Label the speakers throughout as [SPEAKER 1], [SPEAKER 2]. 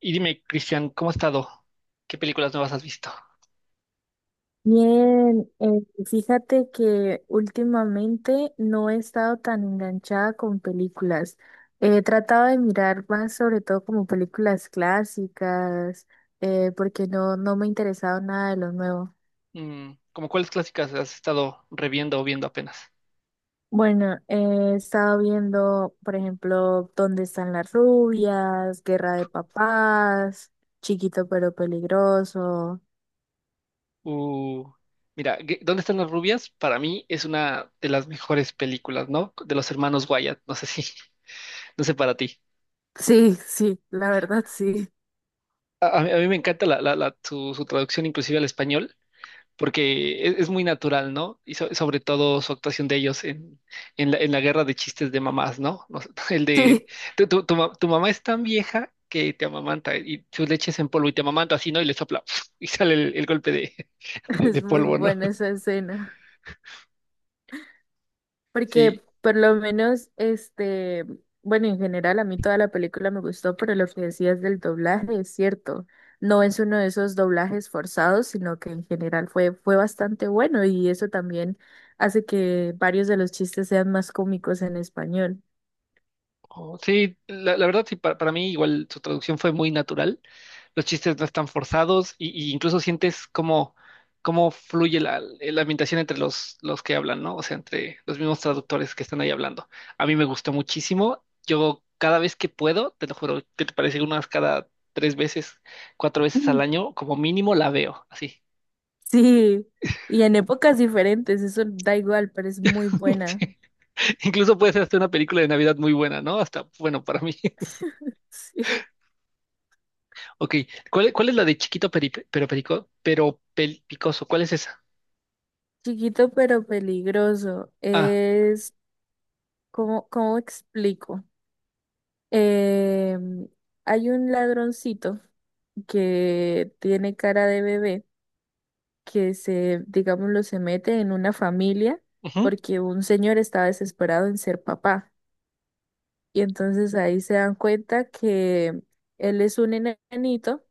[SPEAKER 1] Y dime, Cristian, ¿cómo has estado? ¿Qué películas nuevas has visto?
[SPEAKER 2] Bien, fíjate que últimamente no he estado tan enganchada con películas. He tratado de mirar más sobre todo como películas clásicas, porque no me ha interesado nada de lo nuevo.
[SPEAKER 1] Mm, ¿cómo cuáles clásicas has estado reviendo o viendo apenas?
[SPEAKER 2] Bueno, he estado viendo, por ejemplo, ¿Dónde están las rubias? Guerra de papás, Chiquito pero peligroso.
[SPEAKER 1] Uh, mira, ¿dónde están las rubias? Para mí es una de las mejores películas, ¿no? De los hermanos Wyatt, no sé si, no sé para ti.
[SPEAKER 2] Sí, sí, la verdad sí.
[SPEAKER 1] A mí me encanta su, su traducción inclusive al español. Porque es muy natural, ¿no? Y sobre todo su actuación de ellos en en la guerra de chistes de mamás, ¿no? No sé, el de,
[SPEAKER 2] Sí,
[SPEAKER 1] tu mamá es tan vieja que te amamanta y su leche es en polvo y te amamanta así, ¿no? Y le sopla y sale el golpe de, de
[SPEAKER 2] es muy
[SPEAKER 1] polvo, ¿no?
[SPEAKER 2] buena esa escena. Porque
[SPEAKER 1] Sí.
[SPEAKER 2] por lo menos, bueno, en general a mí toda la película me gustó, pero lo que decías del doblaje es cierto. No es uno de esos doblajes forzados, sino que en general fue bastante bueno y eso también hace que varios de los chistes sean más cómicos en español.
[SPEAKER 1] Oh, sí, la verdad sí, para mí igual su traducción fue muy natural, los chistes no están forzados y incluso sientes cómo, cómo fluye la ambientación entre los que hablan, ¿no? O sea, entre los mismos traductores que están ahí hablando. A mí me gustó muchísimo, yo cada vez que puedo, te lo juro, que te parece unas cada tres veces, cuatro veces al
[SPEAKER 2] Mm.
[SPEAKER 1] año, como mínimo la veo, así.
[SPEAKER 2] Sí, y en épocas diferentes, eso da igual, pero es muy buena.
[SPEAKER 1] Sí. Incluso puede ser hasta una película de Navidad muy buena, ¿no? Hasta, bueno, para mí.
[SPEAKER 2] Sí.
[SPEAKER 1] Ok, ¿cuál es la de chiquito peri- pero perico, pero pel- picoso? ¿Cuál es esa?
[SPEAKER 2] Chiquito pero peligroso.
[SPEAKER 1] Ah,
[SPEAKER 2] Es, cómo explico? Eh, hay un ladroncito que tiene cara de bebé que se, digámoslo, se mete en una familia
[SPEAKER 1] ujú,
[SPEAKER 2] porque un señor está desesperado en ser papá. Y entonces ahí se dan cuenta que él es un enanito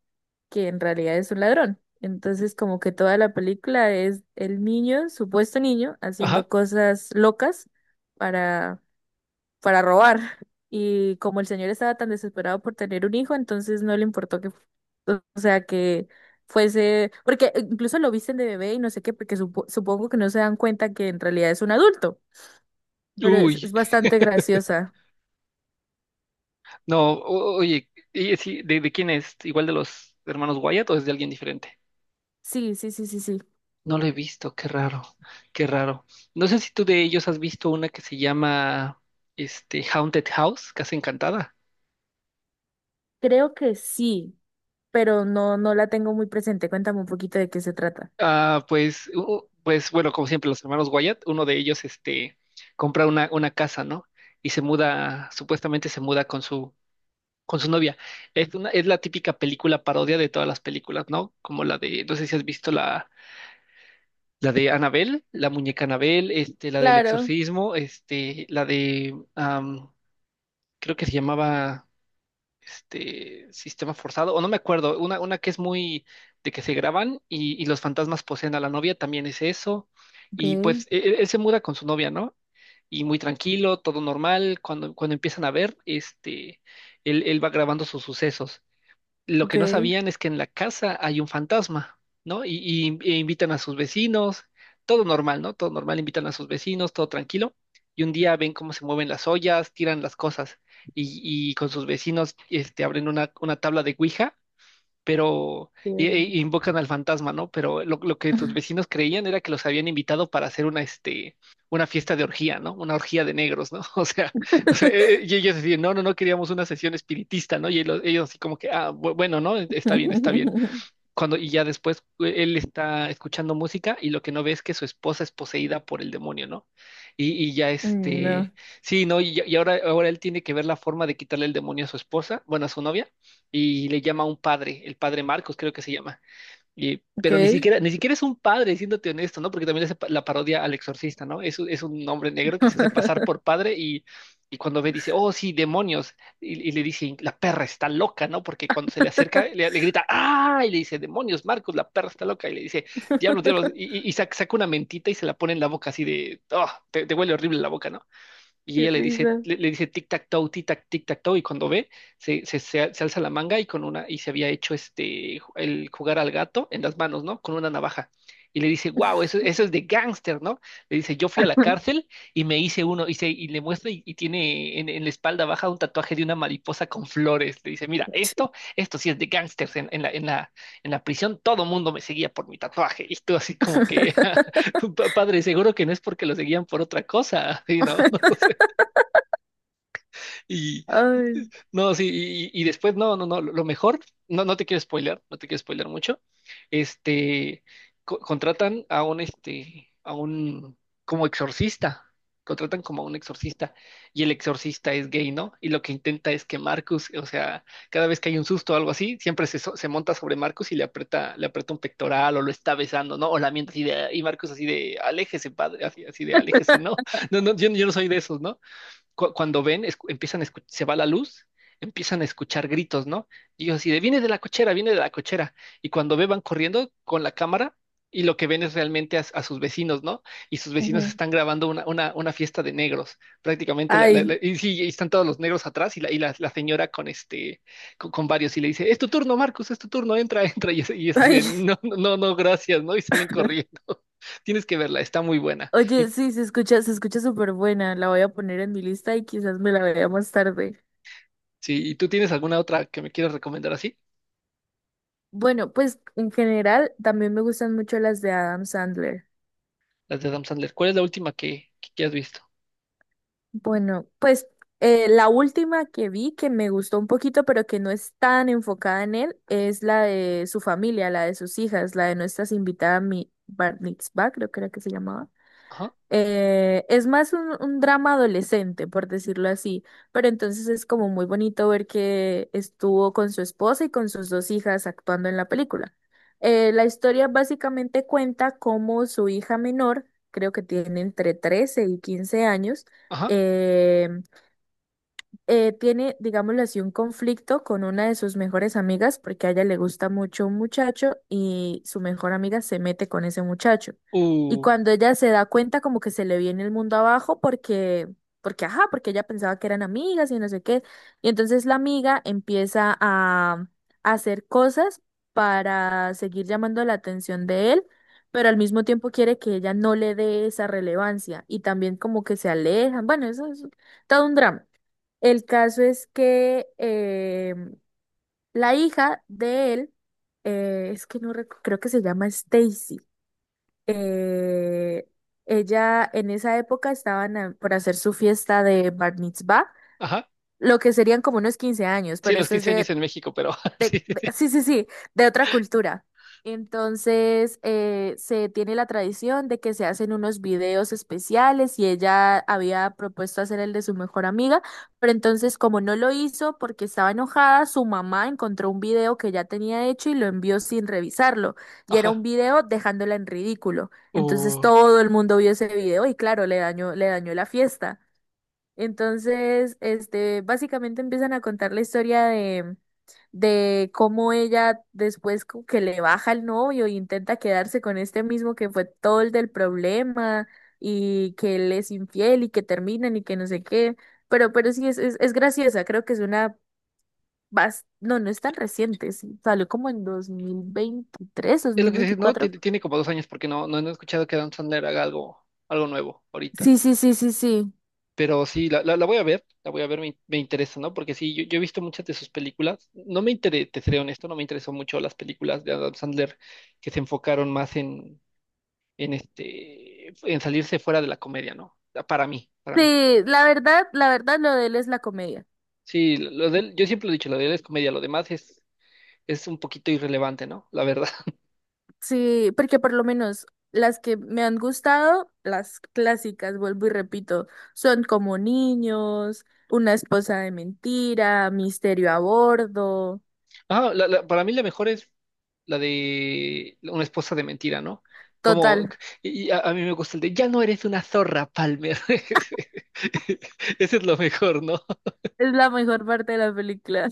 [SPEAKER 2] que en realidad es un ladrón. Entonces como que toda la película es el niño, supuesto niño,
[SPEAKER 1] ajá.
[SPEAKER 2] haciendo cosas locas para para robar. Y como el señor estaba tan desesperado por tener un hijo, entonces no le importó que, o sea, que fuese, porque incluso lo visten de bebé y no sé qué, porque supongo que no se dan cuenta que en realidad es un adulto, pero
[SPEAKER 1] Uy,
[SPEAKER 2] es bastante graciosa.
[SPEAKER 1] no, oye, y sí, ¿de quién es? ¿Igual de los hermanos Wyatt o es de alguien diferente?
[SPEAKER 2] Sí, sí, sí, sí, sí.
[SPEAKER 1] No lo he visto, qué raro, qué raro. No sé si tú de ellos has visto una que se llama este Haunted House, Casa Encantada.
[SPEAKER 2] Creo que sí, pero no, no la tengo muy presente. Cuéntame un poquito de qué se trata.
[SPEAKER 1] Ah, pues, bueno, como siempre, los hermanos Wyatt, uno de ellos este compra una casa, ¿no? Y se muda, supuestamente se muda con su novia. Es una, es la típica película parodia de todas las películas, ¿no? Como la de, no sé si has visto la, la de Annabelle, la muñeca Annabelle, este, la del
[SPEAKER 2] Claro.
[SPEAKER 1] exorcismo, este, la de, creo que se llamaba, este, Sistema Forzado, o no me acuerdo, una que es muy de que se graban y los fantasmas poseen a la novia, también es eso. Y
[SPEAKER 2] Okay,
[SPEAKER 1] pues él se muda con su novia, ¿no? Y muy tranquilo, todo normal. Cuando, cuando empiezan a ver, este, él va grabando sus sucesos. Lo que no
[SPEAKER 2] okay.
[SPEAKER 1] sabían es que en la casa hay un fantasma, ¿no? E invitan a sus vecinos, todo normal, ¿no? Todo normal, invitan a sus vecinos, todo tranquilo. Y un día ven cómo se mueven las ollas, tiran las cosas y, y con sus vecinos este, abren una tabla de Ouija pero
[SPEAKER 2] Bien.
[SPEAKER 1] y invocan al fantasma, ¿no? Pero lo que sus vecinos creían era que los habían invitado para hacer una, este, una fiesta de orgía, ¿no? Una orgía de negros, ¿no? O sea, y ellos decían, no, no, no queríamos una sesión espiritista, ¿no? Y ellos así como que, ah, bueno, ¿no? Está bien, está bien. Cuando, y ya después él está escuchando música y lo que no ve es que su esposa es poseída por el demonio, ¿no? Y ya
[SPEAKER 2] Mm, no,
[SPEAKER 1] este, sí, ¿no? Y, y ahora, ahora él tiene que ver la forma de quitarle el demonio a su esposa, bueno, a su novia, y le llama a un padre, el padre Marcos creo que se llama. Y,
[SPEAKER 2] ok.
[SPEAKER 1] pero ni siquiera, ni siquiera es un padre, siéndote honesto, ¿no? Porque también es la parodia al exorcista, ¿no? Es, es un hombre negro que se hace pasar por padre y cuando ve dice, oh, sí, demonios. Y le dice, la perra está loca, ¿no? Porque cuando se le acerca, le grita, ¡ah! Y le dice, demonios, Marcos, la perra está loca. Y le dice, diablos, diablos. Y, y- y sac- saca una mentita y se la pone en la boca así de, oh, te huele horrible la boca, ¿no? Y
[SPEAKER 2] Qué
[SPEAKER 1] ella le dice,
[SPEAKER 2] risa.
[SPEAKER 1] le dice tic-tac-toe, tic-tac, tic-tac-toe, y cuando ve, se, se alza la manga y con una, y se había hecho este, el jugar al gato en las manos, ¿no? Con una navaja. Y le dice, wow, eso es de gángster, ¿no? Le dice, yo fui a la cárcel y me hice uno, y, se, y le muestra y tiene en la espalda baja un tatuaje de una mariposa con flores. Le dice, mira, esto sí es de gángsters en la, en la, en la prisión, todo mundo me seguía por mi tatuaje. Y tú así como que, padre, seguro que no es porque lo seguían por otra cosa, ¿sí, no? Y
[SPEAKER 2] Ay,
[SPEAKER 1] no, sí, y después, no, no, no, lo mejor, no, no te quiero spoiler, no te quiero spoiler mucho. Este, contratan a un, este, a un, como exorcista, contratan como a un exorcista, y el exorcista es gay, ¿no? Y lo que intenta es que Marcus, o sea, cada vez que hay un susto o algo así, siempre se, se monta sobre Marcus y le aprieta un pectoral o lo está besando, ¿no? O la miente así de, y Marcus así de, aléjese, padre, así, así de, aléjese, ¿no? No, no, yo no soy de esos, ¿no? cu- cuando ven, empiezan a se va la luz, empiezan a escuchar gritos, ¿no? Y yo así de, viene de la cochera, viene de la cochera. Y cuando ve, van corriendo con la cámara y lo que ven es realmente a sus vecinos, ¿no? Y sus vecinos
[SPEAKER 2] ujú,
[SPEAKER 1] están grabando una fiesta de negros, prácticamente.
[SPEAKER 2] ay,
[SPEAKER 1] Y sí, y están todos los negros atrás y la, la señora con este, con varios y le dice, es tu turno, Marcus, es tu turno, entra, entra. Y es así
[SPEAKER 2] ay.
[SPEAKER 1] de, no, no, no, no, gracias, ¿no? Y salen corriendo. Tienes que verla, está muy buena. Y,
[SPEAKER 2] Oye, sí, se escucha súper buena. La voy a poner en mi lista y quizás me la vea más tarde.
[SPEAKER 1] sí, ¿y tú tienes alguna otra que me quieras recomendar así?
[SPEAKER 2] Bueno, pues en general también me gustan mucho las de Adam Sandler.
[SPEAKER 1] Las de Adam Sandler. ¿Cuál es la última que has visto?
[SPEAKER 2] Bueno, pues la última que vi que me gustó un poquito, pero que no es tan enfocada en él, es la de su familia, la de sus hijas, la de nuestras invitadas, mi Bar Mitzvah, creo que era que se llamaba.
[SPEAKER 1] Ajá,
[SPEAKER 2] Es más un drama adolescente, por decirlo así, pero entonces es como muy bonito ver que estuvo con su esposa y con sus dos hijas actuando en la película. La historia básicamente cuenta cómo su hija menor, creo que tiene entre 13 y 15 años,
[SPEAKER 1] ajá,
[SPEAKER 2] eh, tiene, digámoslo así, un conflicto con una de sus mejores amigas porque a ella le gusta mucho un muchacho y su mejor amiga se mete con ese muchacho. Y
[SPEAKER 1] uh,
[SPEAKER 2] cuando ella se da cuenta como que se le viene el mundo abajo porque, porque, ajá, porque ella pensaba que eran amigas y no sé qué. Y entonces la amiga a hacer cosas para seguir llamando la atención de él. Pero al mismo tiempo quiere que ella no le dé esa relevancia y también como que se alejan. Bueno, eso es todo un drama. El caso es que la hija de él, es que no recu- creo que se llama Stacy. eh, ella en esa época por hacer su fiesta de Bar Mitzvah,
[SPEAKER 1] ajá.
[SPEAKER 2] lo que serían como unos 15 años,
[SPEAKER 1] Sí,
[SPEAKER 2] pero
[SPEAKER 1] los
[SPEAKER 2] esto es
[SPEAKER 1] 15 años
[SPEAKER 2] de,
[SPEAKER 1] en México, pero sí, sí, sí.
[SPEAKER 2] sí, sí, sí, de otra cultura. Entonces, se tiene la tradición de que se hacen unos videos especiales y ella había propuesto hacer el de su mejor amiga, pero entonces como no lo hizo porque estaba enojada, su mamá encontró un video que ya tenía hecho y lo envió sin revisarlo. Y era un
[SPEAKER 1] Ajá,
[SPEAKER 2] video dejándola en ridículo. Entonces
[SPEAKER 1] uh.
[SPEAKER 2] todo el mundo vio ese video y claro, le dañó la fiesta. Entonces, básicamente empiezan a contar la historia de cómo ella después como que le baja el novio y intenta quedarse con este mismo que fue todo el del problema y que él es infiel y que terminan y que no sé qué. Pero sí, es graciosa, creo que es una... No, no es tan reciente, sí, salió como en 2023, dos
[SPEAKER 1] Es lo
[SPEAKER 2] mil
[SPEAKER 1] que te decía, ¿no?
[SPEAKER 2] veinticuatro
[SPEAKER 1] Tiene, tiene como dos años porque no, no, no he escuchado que Adam Sandler haga algo, algo nuevo ahorita.
[SPEAKER 2] Sí, sí, sí, sí, sí.
[SPEAKER 1] Pero sí, la voy a ver, la voy a ver, me interesa, ¿no? Porque sí, yo he visto muchas de sus películas. No me interesa, te seré honesto, no me interesó mucho las películas de Adam Sandler que se enfocaron más en este, en salirse fuera de la comedia, ¿no? Para mí, para mí.
[SPEAKER 2] Sí, la verdad, lo de él es la comedia.
[SPEAKER 1] Sí, lo de él, yo siempre lo he dicho, lo de él es comedia, lo demás es un poquito irrelevante, ¿no? La verdad.
[SPEAKER 2] Sí, porque por lo menos las que me han gustado, las clásicas, vuelvo y repito, son como niños, una esposa de mentira, misterio a bordo.
[SPEAKER 1] Ah, para mí la mejor es la de una esposa de mentira, ¿no? Como,
[SPEAKER 2] Total,
[SPEAKER 1] y a mí me gusta el de, ya no eres una zorra, Palmer. Ese es lo mejor, ¿no?
[SPEAKER 2] es la mejor parte de la película.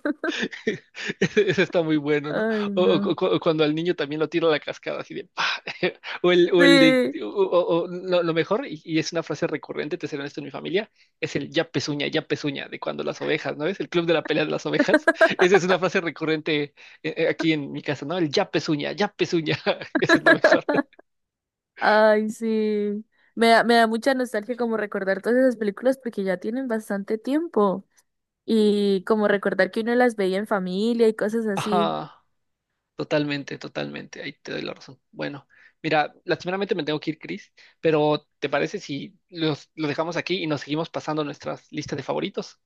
[SPEAKER 1] Ese ese está muy bueno, ¿no?
[SPEAKER 2] Ay,
[SPEAKER 1] O, o
[SPEAKER 2] no.
[SPEAKER 1] o cuando al niño también lo tira a la cascada, así de ¡pah! O el de.
[SPEAKER 2] Sí.
[SPEAKER 1] O, o lo mejor, y es una frase recurrente, te seré honesto en mi familia, es el ya pezuña, de cuando las ovejas, ¿no? Es el club de la pelea de las ovejas. Esa es una frase recurrente aquí en mi casa, ¿no? El ya pezuña, ya pezuña. Ese es lo mejor.
[SPEAKER 2] Ay, sí. Me da mucha nostalgia como recordar todas esas películas porque ya tienen bastante tiempo. Y como recordar que uno las veía en familia y cosas así.
[SPEAKER 1] Ajá. Totalmente, totalmente. Ahí te doy la razón. Bueno, mira, lastimeramente me tengo que ir, Chris, pero ¿te parece si los, lo dejamos aquí y nos seguimos pasando nuestras listas de favoritos?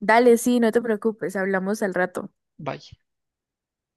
[SPEAKER 2] Dale, sí, no te preocupes, hablamos al rato.
[SPEAKER 1] Bye.